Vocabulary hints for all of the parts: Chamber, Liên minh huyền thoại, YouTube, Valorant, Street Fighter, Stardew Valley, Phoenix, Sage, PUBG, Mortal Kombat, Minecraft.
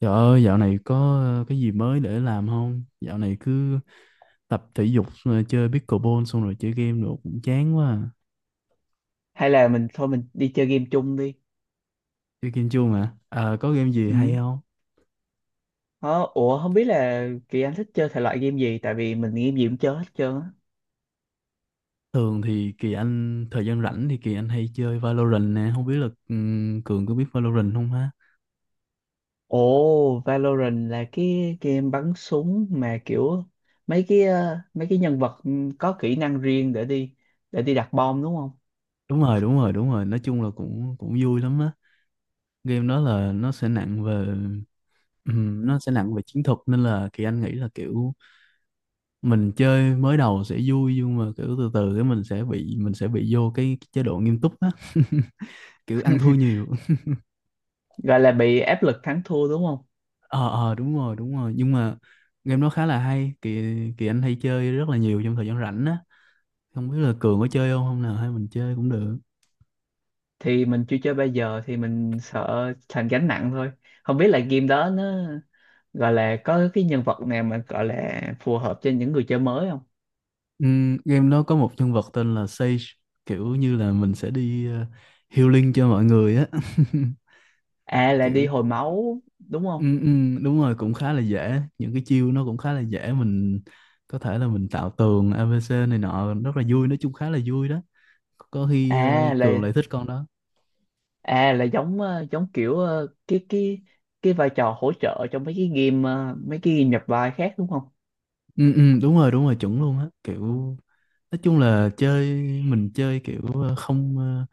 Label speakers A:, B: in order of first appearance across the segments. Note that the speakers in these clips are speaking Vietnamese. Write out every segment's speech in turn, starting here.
A: Trời ơi, dạo này có cái gì mới để làm không? Dạo này cứ tập thể dục, rồi chơi pickleball xong rồi chơi game nữa cũng chán quá. À.
B: Hay là mình thôi, mình đi chơi game chung đi.
A: Chơi game chưa mà. À, có game gì
B: Ừ.
A: hay không?
B: Ờ, ủa không biết là Kỳ Anh thích chơi thể loại game gì, tại vì mình game gì cũng chơi hết trơn á.
A: Thường thì Kỳ Anh, thời gian rảnh thì Kỳ Anh hay chơi Valorant nè. Không biết là Cường có biết Valorant không ha?
B: Ồ, Valorant là cái game bắn súng mà kiểu mấy cái nhân vật có kỹ năng riêng để đi đặt bom đúng không?
A: Đúng rồi, đúng rồi, đúng rồi. Nói chung là cũng cũng vui lắm á. Game đó là nó sẽ nặng về nó sẽ nặng về chiến thuật nên là Kỳ Anh nghĩ là kiểu mình chơi mới đầu sẽ vui nhưng mà kiểu từ từ cái mình sẽ bị vô cái chế độ nghiêm túc á kiểu ăn thua nhiều.
B: Gọi là bị áp lực thắng thua đúng không?
A: Ờ, đúng rồi, đúng rồi, nhưng mà game đó khá là hay, kỳ kỳ anh hay chơi rất là nhiều trong thời gian rảnh á. Không biết là Cường có chơi không, hôm nào hay mình chơi cũng được.
B: Thì mình chưa chơi, bây giờ thì mình sợ thành gánh nặng thôi. Không biết là game đó nó gọi là có cái nhân vật nào mà gọi là phù hợp cho những người chơi mới không?
A: Game đó có một nhân vật tên là Sage, kiểu như là mình sẽ đi healing cho mọi người á.
B: À là
A: Kiểu.
B: đi hồi máu đúng không?
A: Ừ, ừ, đúng rồi, cũng khá là dễ, những cái chiêu nó cũng khá là dễ, mình có thể là mình tạo tường ABC này nọ rất là vui, nói chung khá là vui đó. Có khi
B: à
A: Cường
B: là
A: lại thích con đó.
B: à là giống giống kiểu cái cái vai trò hỗ trợ trong mấy cái game nhập vai khác đúng không?
A: Ừ, ừ, đúng rồi, đúng rồi, chuẩn luôn á. Kiểu nói chung là chơi, mình chơi kiểu ờ, không ờ,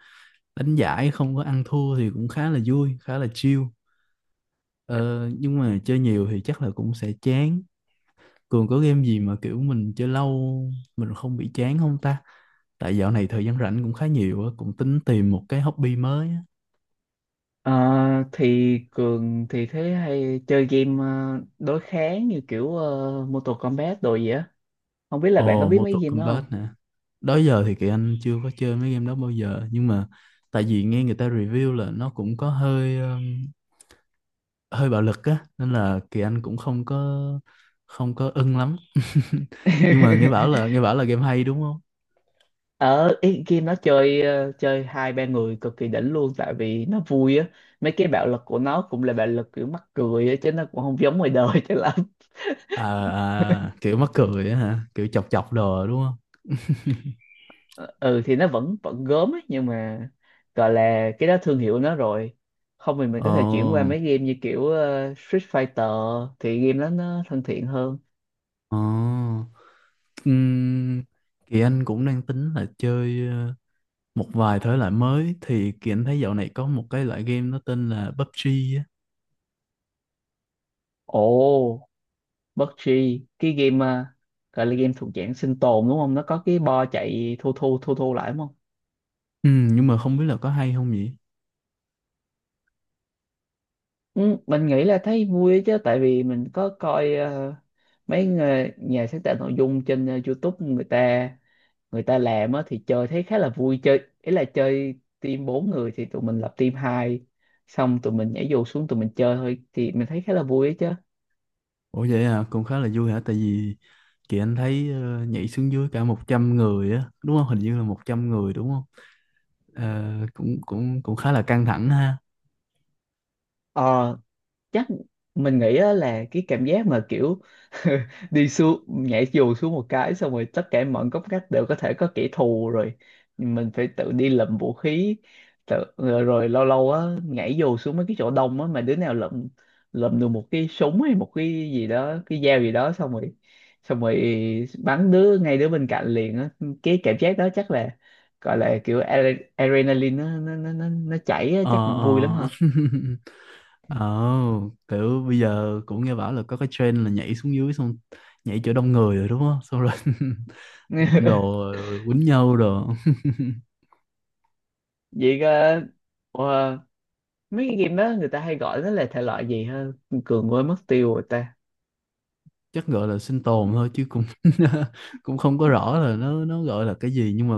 A: đánh giải không có ăn thua thì cũng khá là vui, khá là chill. Ờ, nhưng mà chơi nhiều thì chắc là cũng sẽ chán. Cường có game gì mà kiểu mình chơi lâu mình không bị chán không ta? Tại dạo này thời gian rảnh cũng khá nhiều á, cũng tính tìm một cái hobby mới á.
B: Ờ, thì Cường thì thế hay chơi game đối kháng như kiểu Mortal Kombat đồ gì á. Không biết là bạn có
A: Ồ,
B: biết mấy
A: Mortal
B: game đó không?
A: Kombat nè. Đó giờ thì Kỳ Anh chưa có chơi mấy game đó bao giờ, nhưng mà tại vì nghe người ta review là nó cũng có hơi hơi bạo lực á, nên là Kỳ Anh cũng không có ưng lắm. Nhưng mà nghe bảo là nghe bảo là game hay đúng không?
B: Ở ý, game nó chơi chơi hai ba người cực kỳ đỉnh luôn, tại vì nó vui á. Mấy cái bạo lực của nó cũng là bạo lực kiểu mắc cười á, chứ nó cũng không giống ngoài đời cho lắm.
A: À, à kiểu mắc cười á hả? Kiểu chọc chọc đồ đúng không?
B: Ờ, ừ thì nó vẫn vẫn gớm ấy, nhưng mà gọi là cái đó thương hiệu nó rồi. Không thì mình
A: Ồ,
B: có thể chuyển qua mấy game như kiểu Street Fighter, thì game đó nó thân thiện hơn.
A: ồ. Ừm, Kỳ Anh cũng đang tính là chơi một vài thể loại mới thì Kỳ Anh thấy dạo này có một cái loại game nó tên là PUBG á.
B: Ồ, PUBG, cái game gọi là game thuộc dạng sinh tồn đúng không, nó có cái bo chạy thu thu thu thu lại đúng không?
A: Nhưng mà không biết là có hay không nhỉ?
B: Ừ, mình nghĩ là thấy vui ấy chứ, tại vì mình có coi mấy người, nhà sáng tạo nội dung trên YouTube, người ta làm á thì chơi thấy khá là vui. Chơi ý là chơi team bốn người thì tụi mình lập team hai, xong tụi mình nhảy dù xuống, tụi mình chơi thôi, thì mình thấy khá là vui ấy chứ.
A: Ủa vậy à, cũng khá là vui hả? Tại vì Kỳ Anh thấy nhảy xuống dưới cả 100 người á, đúng không? Hình như là 100 người đúng không? Ờ, cũng cũng cũng khá là căng thẳng ha.
B: Ờ, chắc mình nghĩ á là cái cảm giác mà kiểu đi xuống, nhảy dù xuống một cái xong rồi tất cả mọi góc ngách đều có thể có kẻ thù rồi, mình phải tự đi lượm vũ khí, tự, rồi lâu lâu á nhảy dù xuống mấy cái chỗ đông á mà đứa nào lượm lượm được một cái súng hay một cái gì đó, cái dao gì đó, xong rồi bắn đứa ngay đứa bên cạnh liền á. Cái cảm giác đó chắc là gọi là kiểu adrenaline nó chảy á,
A: Ờ
B: chắc cũng vui lắm
A: ờ.
B: ha.
A: Ồ, kiểu bây giờ cũng nghe bảo là có cái trend là nhảy xuống dưới xong nhảy chỗ đông người rồi đúng không? Xong rồi đụng đồ quýnh nhau đồ.
B: Vậy ờ, mấy cái game đó người ta hay gọi nó là thể loại gì ha, Cường quên mất tiêu rồi ta?
A: Chắc gọi là sinh tồn thôi chứ cũng cũng không có rõ là nó gọi là cái gì, nhưng mà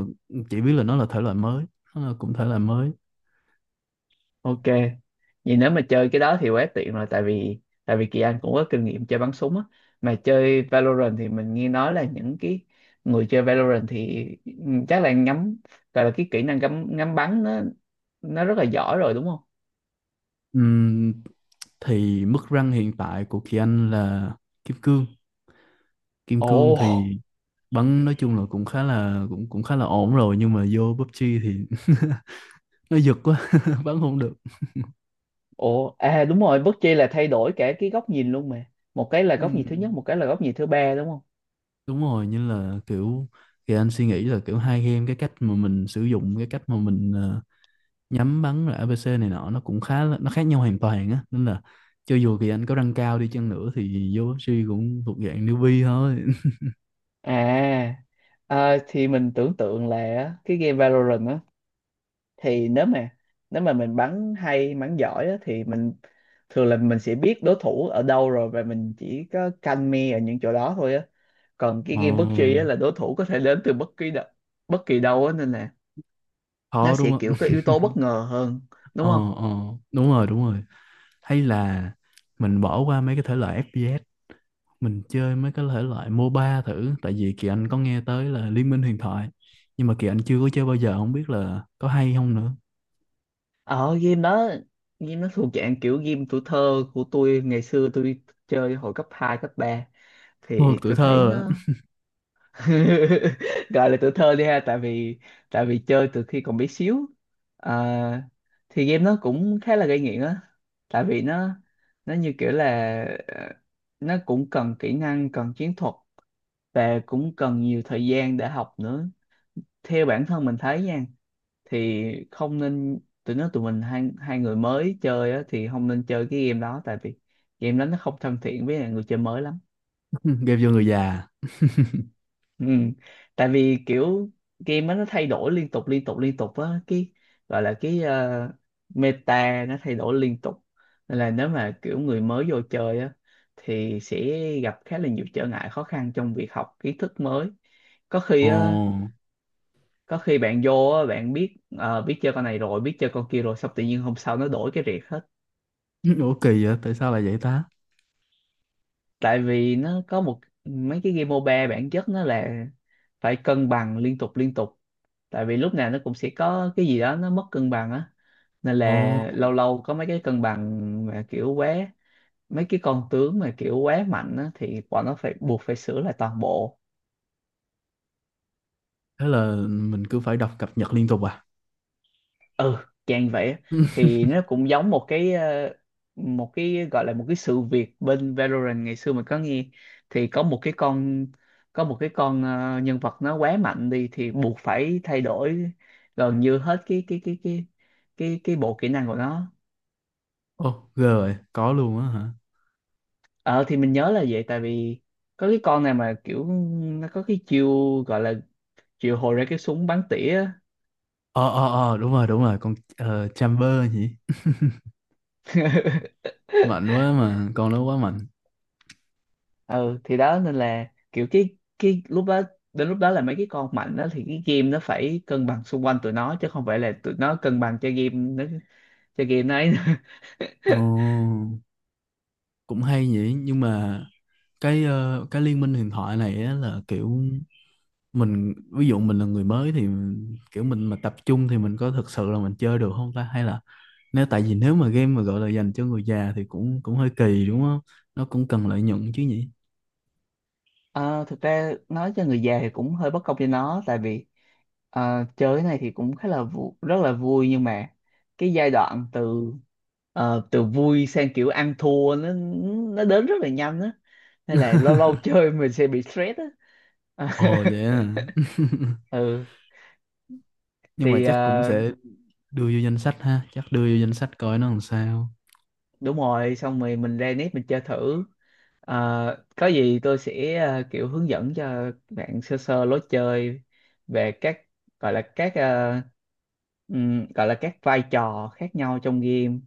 A: chỉ biết là nó là thể loại mới, nó là cũng thể loại mới.
B: Ok, vậy nếu mà chơi cái đó thì quá tiện rồi, tại vì Kỳ Anh cũng có kinh nghiệm chơi bắn súng á, mà chơi Valorant thì mình nghe nói là những cái người chơi Valorant thì chắc là ngắm, gọi là cái kỹ năng ngắm ngắm bắn nó rất là giỏi rồi đúng không?
A: Ừm, thì mức rank hiện tại của Kỳ Anh là kim cương. Kim cương
B: Ồ,
A: thì bắn nói chung là cũng khá là ổn rồi, nhưng mà vô PUBG thì nó giật quá bắn không được.
B: ồ, à đúng rồi, bất chi là thay đổi cả cái góc nhìn luôn mà. Một cái là góc nhìn thứ nhất,
A: Ừm,
B: một cái là góc nhìn thứ ba đúng không?
A: đúng rồi, như là kiểu Kỳ Anh suy nghĩ là kiểu hai game, cái cách mà mình sử dụng cái cách mà mình nhắm bắn rồi ABC này nọ nó cũng khá là, nó khác nhau hoàn toàn á, nên là cho dù kỳ anh có răng cao đi chăng nữa thì vô bác sĩ cũng thuộc dạng newbie thôi.
B: À, thì mình tưởng tượng là á, cái game Valorant á, thì nếu mà mình bắn hay bắn giỏi á, thì mình thường là mình sẽ biết đối thủ ở đâu rồi, và mình chỉ có canh me ở những chỗ đó thôi á. Còn cái game PUBG á
A: Ờ,
B: là đối thủ có thể đến từ bất kỳ đâu á, nên là nó
A: khó đúng
B: sẽ
A: không.
B: kiểu có yếu tố bất ngờ hơn, đúng
A: Ờ,
B: không?
A: ờ, đúng rồi, đúng rồi, hay là mình bỏ qua mấy cái thể loại FPS, mình chơi mấy cái thể loại MOBA thử, tại vì kỳ anh có nghe tới là Liên minh huyền thoại, nhưng mà kỳ anh chưa có chơi bao giờ, không biết là có hay không nữa.
B: Ở game đó, game nó thuộc dạng kiểu game tuổi thơ của tôi, ngày xưa tôi chơi hồi cấp 2 cấp ba,
A: Thôi
B: thì
A: tuổi
B: tôi thấy
A: thơ
B: nó
A: á.
B: gọi là tuổi thơ đi ha, tại vì chơi từ khi còn bé xíu. À, thì game nó cũng khá là gây nghiện á, tại vì nó như kiểu là ờ, nó cũng cần kỹ năng, cần chiến thuật, và cũng cần nhiều thời gian để học nữa. Theo bản thân mình thấy nha, thì không nên, tụi mình hai hai người mới chơi á thì không nên chơi cái game đó, tại vì game đó nó không thân thiện với lại người chơi mới lắm.
A: Game vô người già.
B: Ừ. Tại vì kiểu game á, nó thay đổi liên tục liên tục liên tục á, cái gọi là cái meta nó thay đổi liên tục, nên là nếu mà kiểu người mới vô chơi á thì sẽ gặp khá là nhiều trở ngại khó khăn trong việc học kiến thức mới. có khi á
A: Ồ.
B: có khi bạn vô á, bạn biết biết chơi con này rồi biết chơi con kia rồi, xong tự nhiên hôm sau nó đổi cái riệt hết.
A: Ủa kỳ vậy, tại sao lại vậy ta.
B: Tại vì nó có một, mấy cái game MOBA bản chất nó là phải cân bằng liên tục liên tục, tại vì lúc nào nó cũng sẽ có cái gì đó nó mất cân bằng á, nên
A: Ồ.
B: là lâu lâu có mấy cái cân bằng mà kiểu quá, mấy cái con tướng mà kiểu quá mạnh á thì bọn nó phải buộc phải sửa lại toàn bộ.
A: Thế là mình cứ phải đọc cập nhật liên tục à?
B: Ừ, dạng vậy á. Thì nó cũng giống một cái một cái gọi là một cái sự việc bên Valorant ngày xưa mình có nghe, thì có một cái con nhân vật nó quá mạnh đi, thì buộc phải thay đổi gần như hết cái bộ kỹ năng của nó.
A: Ồ, ghê rồi, có luôn á hả?
B: Ờ thì mình nhớ là vậy, tại vì có cái con này mà kiểu nó có cái chiêu, gọi là chiêu hồi ra cái súng bắn tỉa á.
A: Ờ, ờ, ờ, đúng rồi, con Chamber nhỉ? Mạnh quá mà, con nó quá mạnh.
B: Ừ thì đó, nên là kiểu cái lúc đó đến lúc đó là mấy cái con mạnh đó thì cái game nó phải cân bằng xung quanh tụi nó chứ không phải là tụi nó cân bằng cho game nó ấy.
A: Ồ, cũng hay nhỉ, nhưng mà cái cái liên minh huyền thoại này á là kiểu mình ví dụ mình là người mới thì kiểu mình mà tập trung thì mình có thực sự là mình chơi được không ta, hay là nếu tại vì nếu mà game mà gọi là dành cho người già thì cũng cũng hơi kỳ đúng không? Nó cũng cần lợi nhuận chứ nhỉ?
B: Ờ, thực ra nói cho người già thì cũng hơi bất công cho nó, tại vì chơi cái này thì cũng rất là vui, nhưng mà cái giai đoạn từ từ vui sang kiểu ăn thua, nó đến rất là nhanh á, nên là lâu lâu chơi mình sẽ bị stress á.
A: Ồ vậy à.
B: Ừ
A: Nhưng mà
B: thì
A: chắc cũng sẽ đưa vô danh sách ha, chắc đưa vô danh sách coi nó làm sao.
B: đúng rồi, xong rồi mình ra nếp mình chơi thử. Ờ, có gì tôi sẽ kiểu hướng dẫn cho bạn sơ sơ lối chơi về các, gọi là các ờ, gọi là các vai trò khác nhau trong game.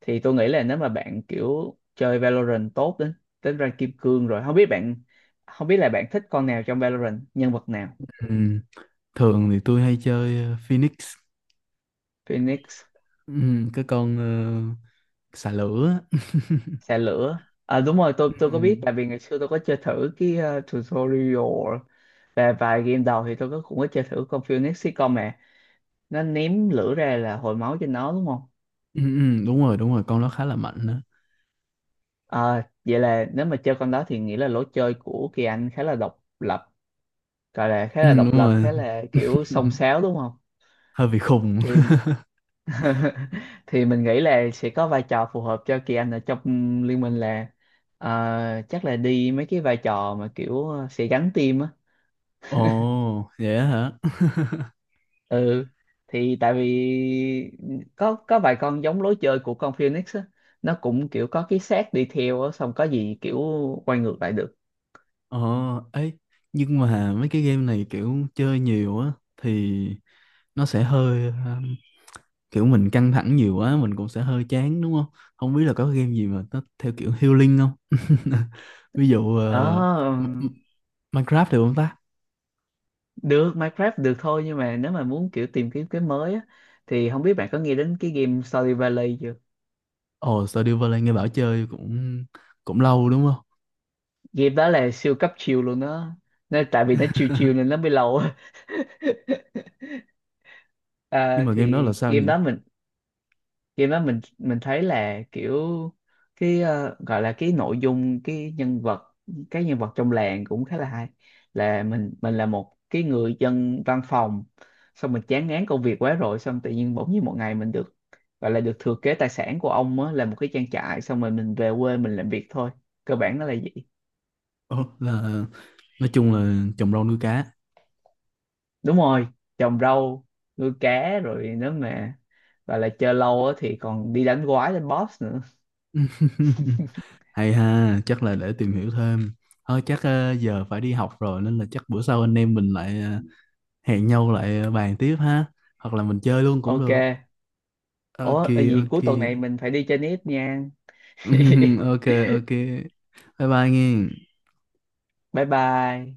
B: Thì tôi nghĩ là nếu mà bạn kiểu chơi Valorant tốt đến đến rank kim cương rồi, không biết là bạn thích con nào trong Valorant, nhân vật nào?
A: Ừ. Thường thì tôi hay chơi Phoenix.
B: Phoenix.
A: Ừ. Cái con xà lửa á.
B: Xe lửa. À, đúng rồi, tôi có biết,
A: Ừ.
B: tại vì ngày xưa tôi có chơi thử cái tutorial và vài game đầu, thì tôi cũng có chơi thử con Phoenix Recon nè, nó ném lửa ra là hồi máu trên nó đúng không?
A: Ừ, ừ, đúng rồi, đúng rồi, con nó khá là mạnh đó.
B: À, vậy là nếu mà chơi con đó thì nghĩa là lối chơi của Kỳ Anh khá là độc lập, gọi là khá
A: Ừ,
B: là
A: đúng
B: độc lập,
A: rồi.
B: khá là kiểu xông xáo đúng không?
A: Hơi bị khùng.
B: Thì thì mình nghĩ là sẽ có vai trò phù hợp cho Kỳ Anh ở trong liên minh, là ờ, chắc là đi mấy cái vai trò mà kiểu sẽ gắn team á.
A: Ồ vậy á hả.
B: Ừ, thì tại vì có vài con giống lối chơi của con Phoenix á, nó cũng kiểu có cái xác đi theo á, xong có gì kiểu quay ngược lại được.
A: Ồ ấy, nhưng mà mấy cái game này kiểu chơi nhiều á thì nó sẽ hơi kiểu mình căng thẳng nhiều quá mình cũng sẽ hơi chán đúng không, không biết là có game gì mà nó theo kiểu healing không. Ví dụ
B: Ờ
A: M- M- Minecraft được không ta.
B: được, Minecraft được thôi, nhưng mà nếu mà muốn kiểu tìm kiếm cái mới á thì không biết bạn có nghe đến cái game Stardew Valley chưa?
A: Ồ, Stardew Valley nghe bảo chơi cũng cũng lâu đúng không.
B: Game đó là siêu cấp chill luôn đó, nên tại vì nó chill chill nên nó mới lâu.
A: Nhưng
B: À,
A: mà game đó là
B: thì
A: sao
B: game
A: nhỉ?
B: đó mình, khi mà mình thấy là kiểu cái gọi là cái nội dung, cái nhân vật trong làng cũng khá là hay, là mình là một cái người dân văn phòng, xong mình chán ngán công việc quá rồi, xong tự nhiên bỗng nhiên một ngày mình được, gọi là được thừa kế tài sản của ông á, là một cái trang trại, xong rồi mình về quê mình làm việc thôi, cơ bản nó là vậy.
A: Ồ, là nói chung là trồng rau nuôi cá.
B: Đúng rồi, trồng rau, nuôi cá, rồi nếu mà gọi là chơi lâu á thì còn đi đánh quái đánh boss nữa.
A: Hay ha, chắc là để tìm hiểu thêm. Thôi chắc giờ phải đi học rồi nên là chắc bữa sau anh em mình lại hẹn nhau lại bàn tiếp ha, hoặc là mình chơi luôn cũng
B: Ok.
A: được. Ok.
B: Ủa, vậy
A: Ok.
B: cuối tuần này mình phải đi chơi nít nha.
A: Ok, ok. Bye bye nghe.
B: Bye bye.